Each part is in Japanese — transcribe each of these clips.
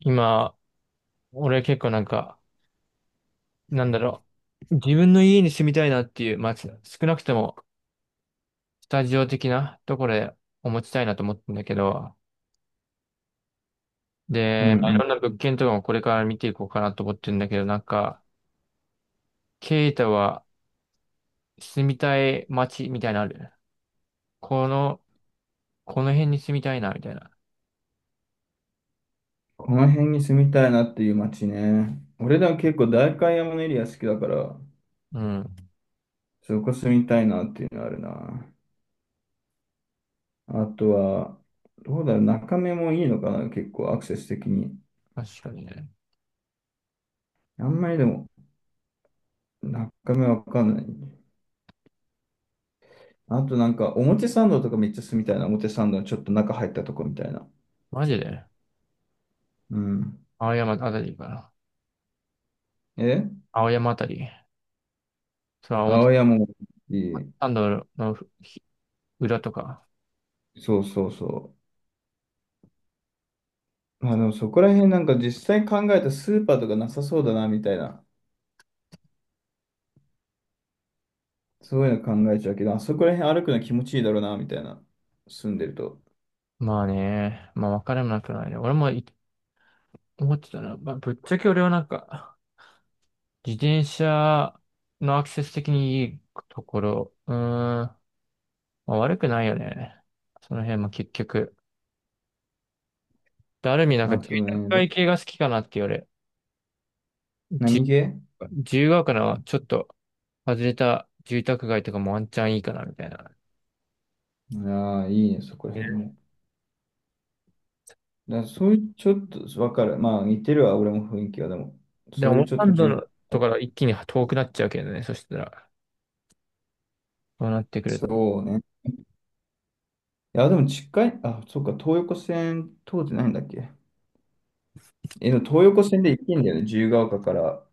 今、俺結構なんか、なんだろう。自分の家に住みたいなっていう、まあ、少なくとも、スタジオ的なところでお持ちたいなと思ってんだけど、うで、んまあ、いうろん。んな物件とかもこれから見ていこうかなと思ってるんだけど、なんか、ケイタは住みたい街みたいなのある？この、この辺に住みたいな、みたいな。この辺に住みたいなっていう街ね。俺ら結構代官山のエリア好きだから、うん。そこ住みたいなっていうのあるな。あとは、どうだろう、中目もいいのかな、結構アクセス的に。確かにね。あんまりでも、中目わかんない。あとなんか、表参道とかめっちゃ住みたいな。表参道のちょっと中入ったとこみたいな。マジでうん。青山あたりかな。え、青山あたり。それは表青山もいい。参道のひ裏とか。そう。まあの、そこら辺なんか実際考えたスーパーとかなさそうだな、みたいな。そういうの考えちゃうけど、あそこら辺歩くの気持ちいいだろうな、みたいな。住んでると。まあね、まあ分からなくないね。俺も思ってたな。まあ、ぶっちゃけ俺はなんか、自転車のアクセス的にいいところ、まあ、悪くないよね。その辺も結局。で、ある意味なんかあ住と宅ね、街系が好きかなって言われ。何じ系？自由が丘のちょっと外れた住宅街とかもワンチャンいいかなみたいな。ああ、いいね、そこら辺ね。も。だからそういう、ちょっと、わかる。まあ、似てるわ、俺も雰囲気は。でも、でそうも、いオうーちょっラとンド重のとかが一気に遠くなっちゃうけどね。そしたら、こうなってくると。そうね。いや、でも近い、あ、そっか、東横線通ってないんだっけ？え、でも東横線で行けんだよね。自由が丘から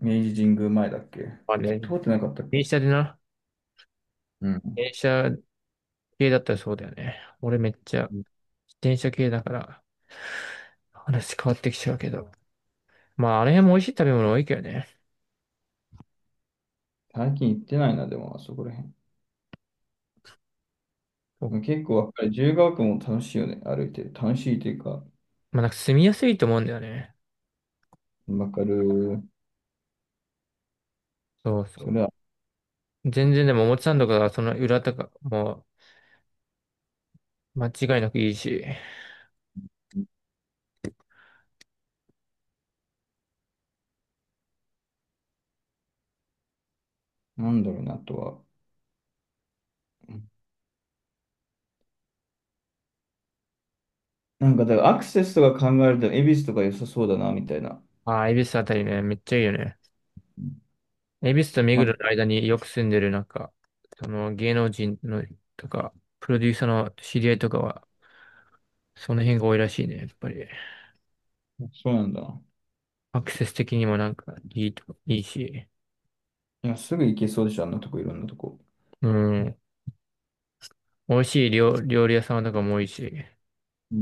明治神宮前だっけ？まあね、通ってなかったっけ？電車でな。うん。電車系だったらそうだよね。俺めっちゃ自転車系だから話変わってきちゃうけど。まああれも美味しい食べ物多いけどね。最近行ってないな、でも、あそこら辺。お結構わかる。自由が丘も楽しいよね、歩いてる。楽しいというか、まあなんか住みやすいと思うんだよね。わかる。そうそそれう。は、全然でも表参道からその裏とかもう間違いなくいいし。なんだろうな、あとは。なんか、だからアクセスとか考えると、恵比寿とか良さそうだな、みたいな。ああ、恵比寿あたりね、めっちゃいいよね。うん、恵比寿と目ま黒あ、の間によく住んでるなんか、その芸能人のとか、プロデューサーの知り合いとかは、その辺が多いらしいね、やっぱり。そうなんだな。アクセス的にもなんかいいと、いいし。いや、すぐ行けそうでしょ、あんなとこ、いろんなとこ。うん。美味しい料理屋さんとかも多いし。うん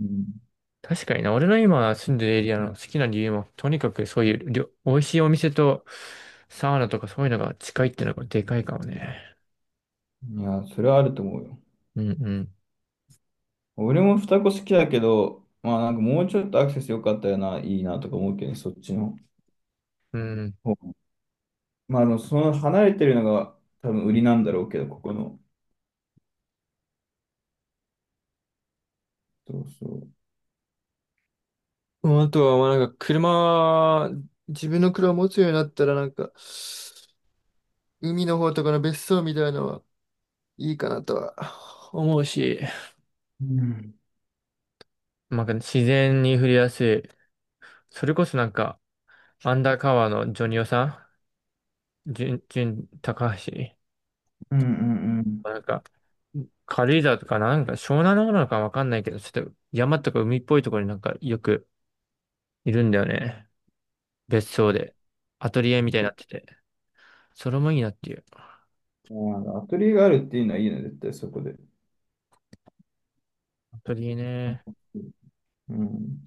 うん確かにな、俺の今住んでるエリアの好きな理由も、とにかくそういう美味しいお店とサウナとかそういうのが近いってのがでかいかもね。うん。いや、それはあると思うよ。うんうん。俺も双子好きだけど、まあなんかもうちょっとアクセス良かったよな、いいなとか思うけどね、そっちのうん。方。まあ、あの、その離れてるのが多分売りなんだろうけど、ここの。そうそう。もうあとは、まあ、なんか車、自分の車を持つようになったら、なんか、海の方とかの別荘みたいなのはいいかなとは思うし。うんなんか自然に触れやすい。それこそなんか、アンダーカワーのジョニオさん、ジュン、高橋。うんうんうなんか、軽井沢とかなんか湘南の方なのかわかんないけど、ちょっと山とか海っぽいところになんかよくいるんだよね。別荘で。アトリエみたいになってて。それもいいなっていう。ん。まあアトリエがあるっていうのはいいね、絶対そこで。アトリエね。う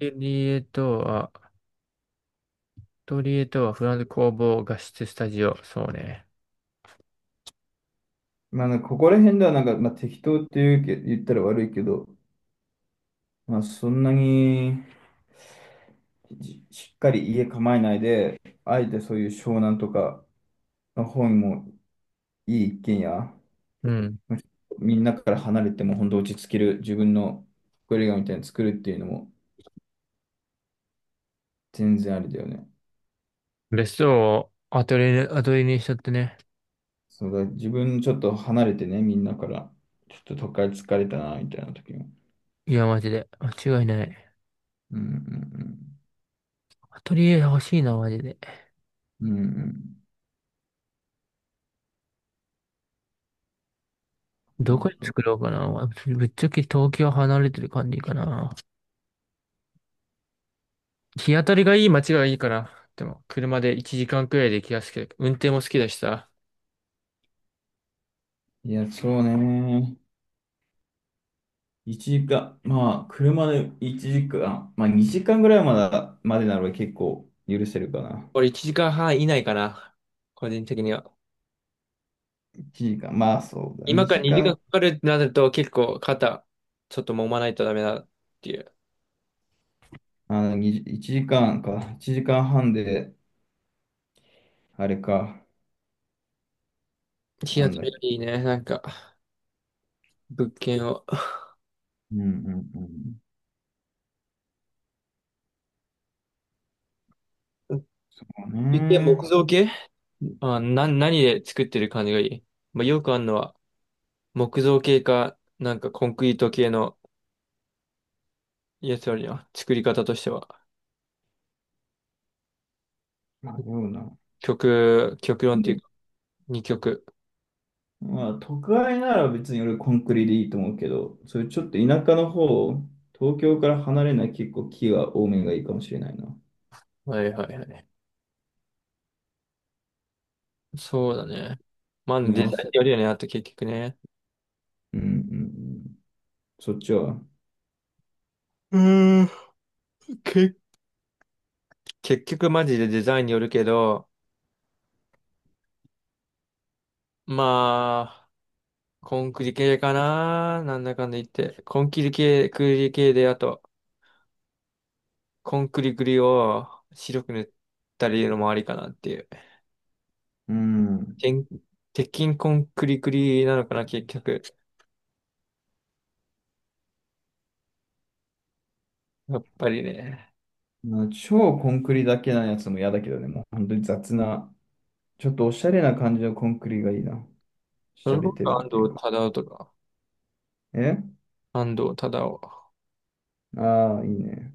アトリエとは、アトリエとはフランス工房画質スタジオ。そうね。まあ、なんかここら辺ではなんか、まあ、適当っていうけ、言ったら悪いけど、まあ、そんなにしっかり家構えないで、あえてそういう湘南とかの方にもいい一軒家、うん。みんなから離れても本当落ち着ける自分の隠れ家みたいに作るっていうのも全然ありだよね。別荘をアトリエにしちゃってね。そうだ、自分ちょっと離れてね、みんなから、ちょっと都会疲れたな、みたいな時に。いや、マジで。間違いない。うんアトリエ欲しいな、マジで。うん。うん。そどうこにそう。作ろうかな。ぶっちゃけ東京離れてる感じかな。日当たりがいい街がいいから、でも車で1時間くらいで行きやすくて、運転も好きだしさ。いや、そうね。1時間、まあ、車で1時間、まあ、2時間ぐらいまだ、までなら結構許せるかな。俺1時間半以内かな。個人的には。1時間、まあそうだ。今から2 2時時間間、かかるってなると結構肩、ちょっと揉まないとダメだっていう。1時間かんか。1時間半で、あれか。日な当んただりっがけ。いいね。なんか、物件を。うん。そう一見木ね。造系何で作ってる感じがいい。まあ、よくあるのは、木造系か、なんかコンクリート系のやつよりは、作り方としては、まあ、そうだ。極論っていうか、二極。まあ、都会なら別に俺コンクリでいいと思うけど、それちょっと田舎の方、東京から離れない結構木が多めがいいかもしれないな。はいはいはい。そうだね。まあ、見デザ直イせ。ンによるよね、あと結局ね。うん。そっちは。うーん。け、結局マジでデザインによるけど、まあ、コンクリ系かな、なんだかんだ言って。コンクリ系で、あと、コンクリグリを白く塗ったりのもありかなっていう。うん。てん鉄筋コンクリグリなのかな、結局。やっぱりね。まあ、超コンクリだけなやつも嫌だけどね、もう本当に雑な、ちょっとおしゃれな感じのコンクリがいいな。そしゃのれ僕てるっは安ていう藤か。忠雄とか、え、安藤忠雄。ああー、いいね。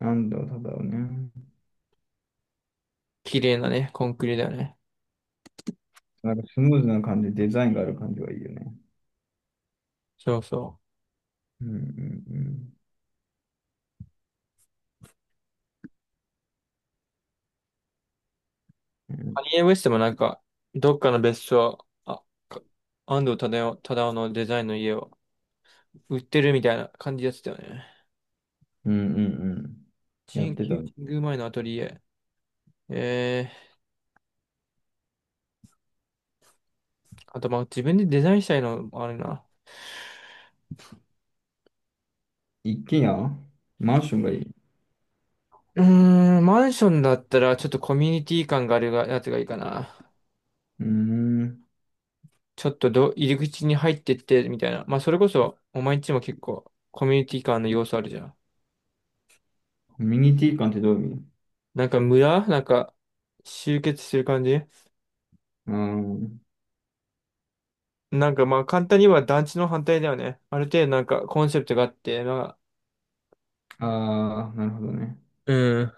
なんだろう、ただをね。綺麗なね、コンクリだよね。なんかスムーズな感じ、デザインがある感じがいいよね。そうそう。うんうんうん。カニエ・ウェストもなんか、どっかの別荘、あ、か安藤忠雄のデザインの家を売ってるみたいな感じやつだよね。うん。やっ神てた。宮神宮前のアトリエ。えあとまあ自分でデザインしたいのもあるな。一軒家？マンションがいい。うーん、マンションだったらちょっとコミュニティ感があるがやつがいいかな。うーん。ちょっと入り口に入ってってみたいな。まあそれこそ、お前んちも結構コミュニティ感の要素あるじゃん。コミュニティ感ってどういう意味？なんか村なんか集結する感じ。うーん。なんかまあ簡単には団地の反対だよね。ある程度なんかコンセプトがあって、まあ、ああ、なるほどね。うん。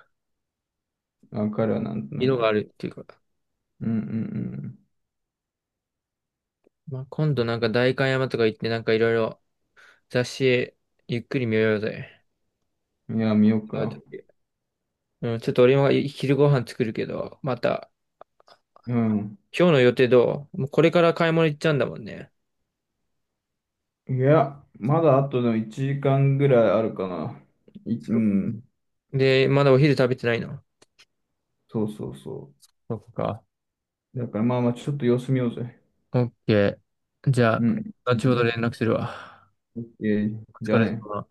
わかるわ、なんとな色がく。あるっていうか。うんうんまあ、今度なんか代官山とか行ってなんかいろいろ雑誌ゆっくり見ようぜ。うん。いや、見よう会うか。時。うん、ちょっと俺も昼ご飯作るけど、また、うん。今日の予定どう？もうこれから買い物行っちゃうんだもんね。いや、まだあとの1時間ぐらいあるかな。い、うそん。うで、まだお昼食べてないの？そうそうそそっか。う。だからまあまあ、ちょっと様子見ようぜ。オッケー。じゃうあ、ん。後ほど連絡するわ。オッケー。おじゃ疲あれね。様。